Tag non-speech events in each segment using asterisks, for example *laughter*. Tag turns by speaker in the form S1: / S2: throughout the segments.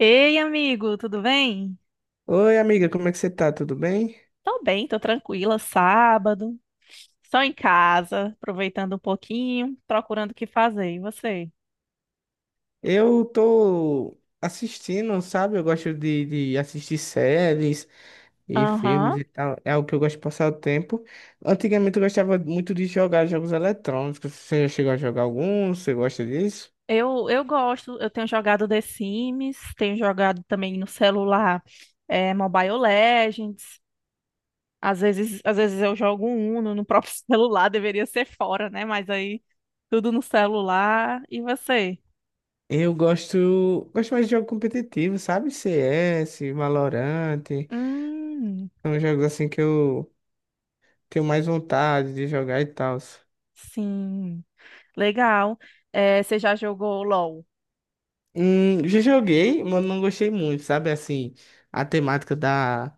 S1: Ei, amigo, tudo bem?
S2: Oi, amiga, como é que você tá? Tudo bem?
S1: Tô bem, tô tranquila, sábado, só em casa, aproveitando um pouquinho, procurando o que fazer. E você?
S2: Eu tô assistindo, sabe? Eu gosto de assistir séries e filmes
S1: Aham.
S2: e tal. É algo que eu gosto de passar o tempo. Antigamente eu gostava muito de jogar jogos eletrônicos. Você já chegou a jogar algum? Você gosta disso?
S1: Eu gosto, eu tenho jogado The Sims, tenho jogado também no celular Mobile Legends. Às vezes eu jogo um Uno no próprio *laughs* celular, deveria ser fora, né? Mas aí tudo no celular. E você?
S2: Eu gosto, gosto mais de jogo competitivo, sabe? CS, Valorant.
S1: Hum,
S2: São jogos assim que eu tenho mais vontade de jogar e tal.
S1: sim, legal. É, você já jogou LOL?
S2: Já joguei, mas não gostei muito, sabe? Assim, a temática da...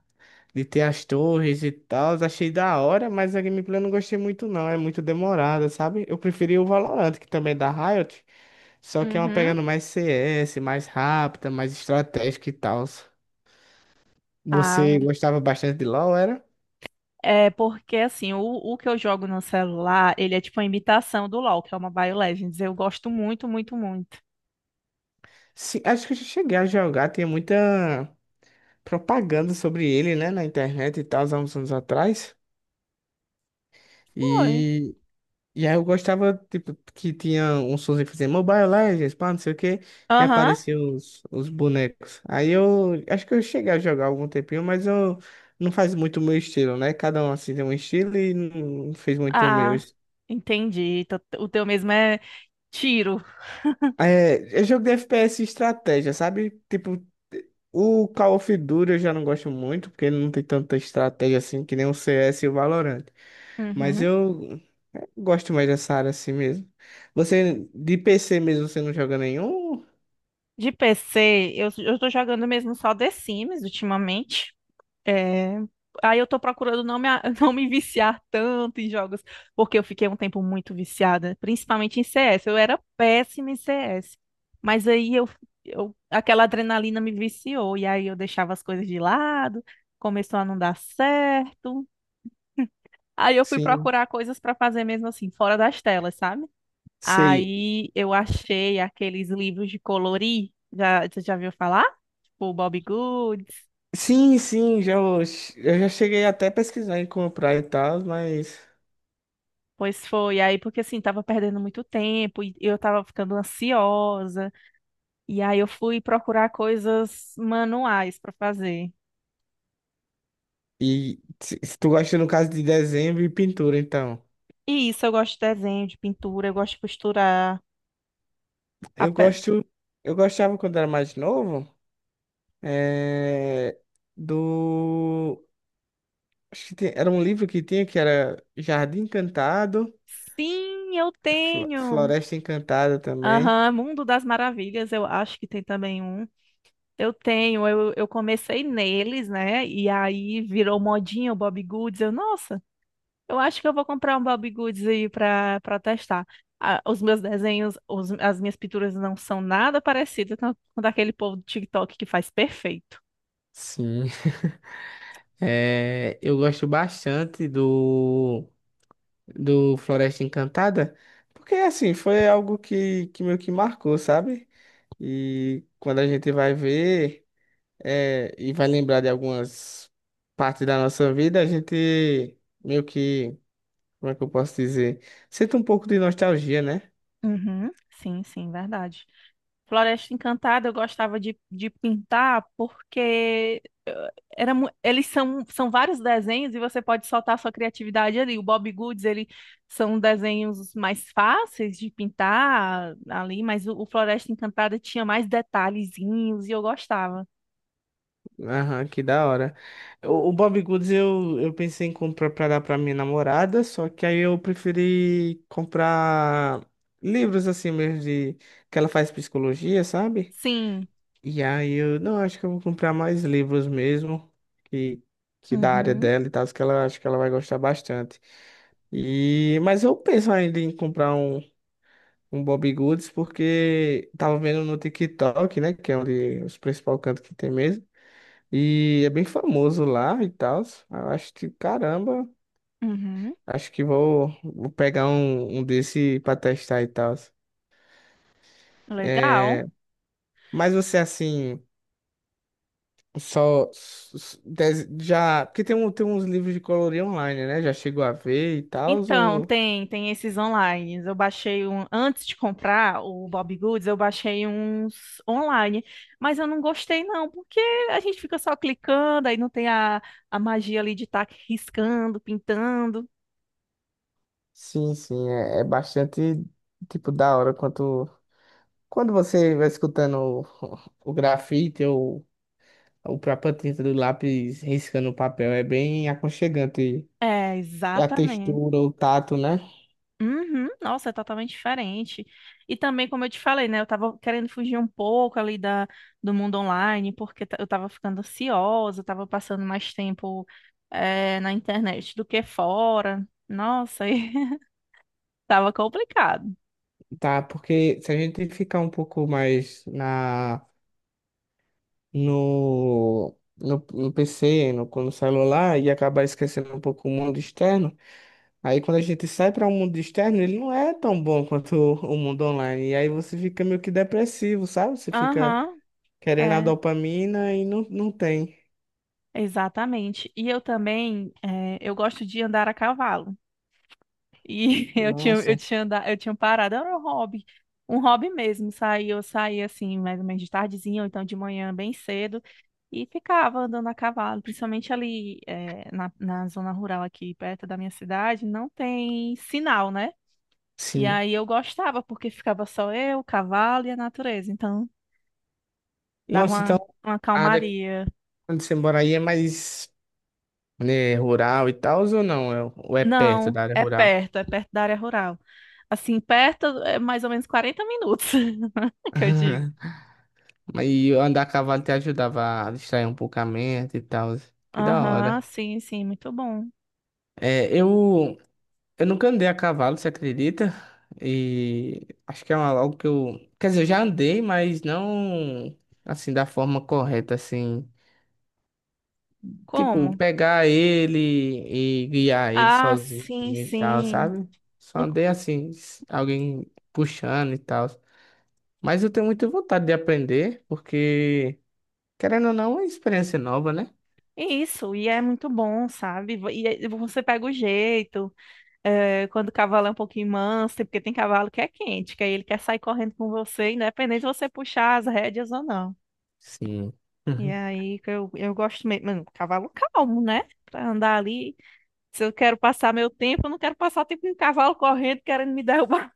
S2: de ter as torres e tal, achei da hora, mas a gameplay eu não gostei muito não, é muito demorada, sabe? Eu preferi o Valorant, que também é da Riot, só que é uma
S1: Uhum.
S2: pegando mais CS, mais rápida, mais estratégica e tal. Você
S1: Ah,
S2: gostava bastante de LoL, era?
S1: é porque assim, o que eu jogo no celular, ele é tipo uma imitação do LoL, que é uma BioLegends. Eu gosto muito, muito, muito.
S2: Sim, acho que eu já cheguei a jogar, tinha muita propaganda sobre ele, né, na internet e tal, há uns anos atrás.
S1: Foi.
S2: e E aí eu gostava, tipo, que tinha um sonzinho que fazia Mobile Legends, pá, não sei o quê, e
S1: Aham.
S2: apareciam os bonecos. Aí eu acho que eu cheguei a jogar algum tempinho, mas eu não faz muito o meu estilo, né? Cada um assim tem um estilo e não fez muito o meu.
S1: Ah, entendi. O teu mesmo é tiro.
S2: É, é jogo de FPS e estratégia, sabe? Tipo, o Call of Duty eu já não gosto muito, porque não tem tanta estratégia assim que nem o CS e o Valorant. Mas
S1: Uhum.
S2: eu gosto mais dessa área assim mesmo. Você, de PC mesmo, você não joga nenhum?
S1: De PC, eu tô jogando mesmo só The Sims ultimamente. É, Aí eu tô procurando não *laughs* não me viciar tanto em jogos, porque eu fiquei um tempo muito viciada, principalmente em CS. Eu era péssima em CS. Mas aí eu, eu aquela adrenalina me viciou, e aí eu deixava as coisas de lado, começou a não dar certo. Aí eu fui
S2: Sim,
S1: procurar coisas pra fazer mesmo assim, fora das telas, sabe?
S2: sei.
S1: Aí eu achei aqueles livros de colorir, já, você já viu falar? Tipo, Bobbie Goods.
S2: Sim, sim, já, eu já cheguei até a pesquisar em comprar e tal, mas.
S1: Pois foi, aí porque assim, tava perdendo muito tempo e eu tava ficando ansiosa, e aí eu fui procurar coisas manuais para fazer.
S2: E se, tu gosta no caso de desenho e pintura, então.
S1: E isso, eu gosto de desenho, de pintura, eu gosto de costurar. A
S2: Eu
S1: pe-
S2: gosto. Eu gostava quando era mais novo. É, do. Acho que era um livro que tinha que era Jardim Encantado,
S1: Sim, eu tenho!
S2: Floresta Encantada também.
S1: Aham, Mundo das Maravilhas, eu acho que tem também um. Eu tenho, eu comecei neles, né? E aí virou modinha o Bob Goods, eu, nossa, eu acho que eu vou comprar um Bobbie Goods aí pra testar. Ah, os meus desenhos, os- as minhas pinturas não são nada parecidas com daquele povo do TikTok que faz perfeito.
S2: Sim. É, eu gosto bastante do. Do Floresta Encantada, porque assim, foi algo que meio que marcou, sabe? E quando a gente vai ver e vai lembrar de algumas partes da nossa vida, a gente meio que, como é que eu posso dizer? Sente um pouco de nostalgia, né?
S1: Uhum, sim, sim, verdade. Floresta Encantada eu gostava de pintar porque eles são, são vários desenhos e você pode soltar sua criatividade ali. O Bob Goods, ele são desenhos mais fáceis de pintar ali, mas o Floresta Encantada tinha mais detalhezinhos e eu gostava.
S2: Aham, que da hora. O Bob Goods eu pensei em comprar pra dar pra minha namorada, só que aí eu preferi comprar livros assim mesmo de que ela faz psicologia, sabe?
S1: Sim.
S2: E aí eu, não, acho que eu vou comprar mais livros mesmo, que, que da área
S1: Uhum,
S2: dela e tal, que ela acho que ela vai gostar bastante. E, mas eu penso ainda em comprar um, um Bobbie Goods, porque tava vendo no TikTok, né, que é onde os principais cantos que tem mesmo, e é bem famoso lá e tal. Eu acho que, caramba,
S1: uhum.
S2: acho que vou, vou pegar um, um desse pra testar e tal.
S1: Legal.
S2: É, mas você, assim... Só s- s- dez- Já, porque tem, um, tem uns livros de colorir online, né? Já chegou a ver e tal,
S1: Então,
S2: ou...
S1: tem, tem esses online. Eu baixei um, antes de comprar o Bob Goods, eu baixei uns online, mas eu não gostei não, porque a gente fica só clicando, aí não tem a magia ali de estar riscando, pintando.
S2: Sim, sim, é, é bastante, tipo, da hora quanto... Quando você vai escutando o grafite ou a própria tinta do lápis riscando o papel, é bem aconchegante.
S1: É,
S2: E a
S1: exatamente.
S2: textura, o tato, né?
S1: Uhum, nossa, é totalmente diferente. E também, como eu te falei, né? Eu tava querendo fugir um pouco ali do mundo online, porque eu tava ficando ansiosa, eu tava passando mais tempo, na internet do que fora. Nossa, *laughs* e tava complicado.
S2: Tá, porque se a gente ficar um pouco mais na, no PC, no celular, e acabar esquecendo um pouco o mundo externo. Aí quando a gente sai para o mundo externo, ele não é tão bom quanto o mundo online. E aí você fica meio que depressivo, sabe? Você fica
S1: Aham,
S2: querendo a
S1: é,
S2: dopamina e não tem.
S1: exatamente. E eu também, eu gosto de andar a cavalo. E *laughs*
S2: Nossa,
S1: eu tinha parado, era um hobby mesmo. Eu saía assim, mais ou menos de tardezinha, ou então de manhã, bem cedo. E ficava andando a cavalo, principalmente ali na zona rural aqui perto da minha cidade, não tem sinal, né? E
S2: sim.
S1: aí eu gostava, porque ficava só eu, o cavalo e a natureza, então dava
S2: Nossa, então
S1: uma
S2: a área
S1: calmaria.
S2: onde você mora aí é mais, né, rural e tal, ou não? Ou é perto
S1: Não,
S2: da área rural?
S1: é perto da área rural. Assim, perto é mais ou menos 40 minutos, *laughs* que eu digo.
S2: *laughs* Mas e andar a cavalo te ajudava a distrair um pouco a mente e tal. Que da
S1: Aham,
S2: hora.
S1: sim, sim, muito bom.
S2: É, eu. Eu nunca andei a cavalo, você acredita? E acho que é uma, algo que eu. Quer dizer, eu já andei, mas não assim, da forma correta, assim. Tipo,
S1: Como?
S2: pegar ele e guiar ele
S1: Ah,
S2: sozinho
S1: sim,
S2: e tal,
S1: sim.
S2: sabe? Só
S1: No-
S2: andei assim, alguém puxando e tal. Mas eu tenho muita vontade de aprender, porque, querendo ou não, é uma experiência nova, né?
S1: Isso, e é muito bom, sabe? E aí você pega o jeito. É, quando o cavalo é um pouquinho manso, é porque tem cavalo que é quente, que aí ele quer sair correndo com você, independente de você puxar as rédeas ou não.
S2: Sim.
S1: E
S2: *laughs*
S1: aí eu gosto mesmo, mano, cavalo calmo, né? Pra andar ali. Se eu quero passar meu tempo, eu não quero passar tempo com um cavalo correndo querendo me derrubar.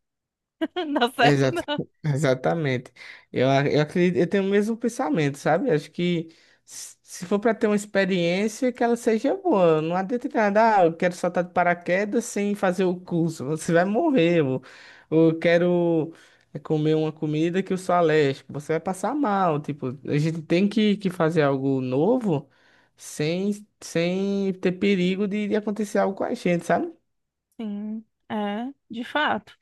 S1: *laughs* Não dá certo,
S2: Exata-
S1: não.
S2: *laughs* Exatamente. Eu acredito, eu tenho o mesmo pensamento, sabe? Acho que se for para ter uma experiência, que ela seja boa. Não adianta nada, ah, eu quero saltar de paraquedas sem fazer o curso. *laughs* Você vai morrer. Ou eu quero comer uma comida que eu sou alérgico. Você vai passar mal. Tipo, a gente tem que fazer algo novo sem, sem ter perigo de acontecer algo com a gente, sabe?
S1: Sim, é, de fato.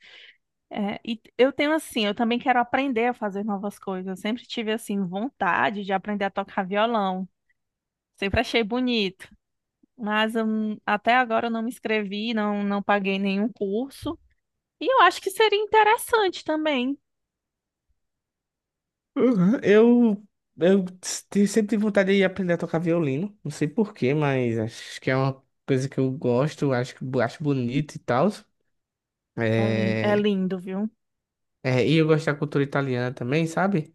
S1: É, eu tenho assim, eu também quero aprender a fazer novas coisas. Eu sempre tive assim vontade de aprender a tocar violão. Sempre achei bonito. Mas até agora eu não me inscrevi, não paguei nenhum curso. E eu acho que seria interessante também.
S2: Uhum. Eu Sempre tive vontade de aprender a tocar violino. Não sei por quê, mas acho que é uma coisa que eu gosto, acho, acho bonito e tal.
S1: É
S2: É,
S1: lindo, viu?
S2: É, e eu gosto da cultura italiana também, sabe?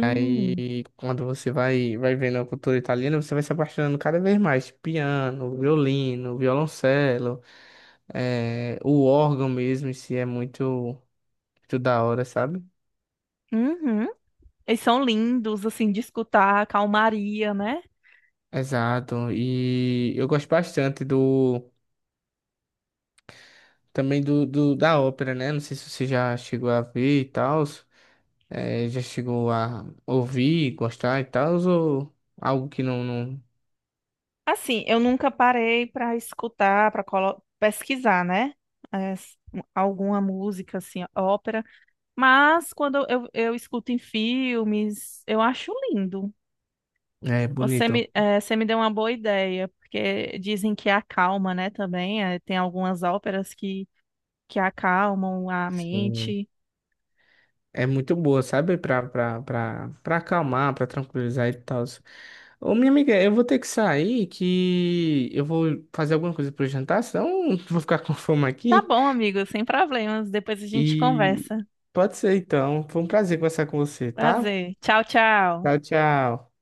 S2: E aí, quando você vai vendo a cultura italiana, você vai se apaixonando cada vez mais. Piano, violino, violoncelo, é, o órgão mesmo em si é muito, muito da hora, sabe?
S1: Uhum. Eles são lindos, assim, de escutar, a calmaria, né?
S2: Exato. E eu gosto bastante do. Também do, da ópera, né? Não sei se você já chegou a ver e tal, é, já chegou a ouvir, gostar e tal, ou algo que não
S1: Assim, eu nunca parei para escutar, para pesquisar, né? É, s- alguma música, assim, ópera. Mas quando eu escuto em filmes, eu acho lindo.
S2: é
S1: Você
S2: bonito.
S1: você me deu uma boa ideia, porque dizem que acalma, né, também. Tem algumas óperas que acalmam a
S2: Sim.
S1: mente.
S2: É muito boa, sabe? Pra acalmar, pra tranquilizar e tal. Ô, minha amiga, eu vou ter que sair, que eu vou fazer alguma coisa pro jantar, senão *laughs* vou ficar com fome
S1: Tá
S2: aqui.
S1: bom, amigo, sem problemas. Depois a gente
S2: E
S1: conversa.
S2: pode ser então. Foi um prazer conversar com você, tá?
S1: Prazer. Tchau, tchau.
S2: Tchau, tchau.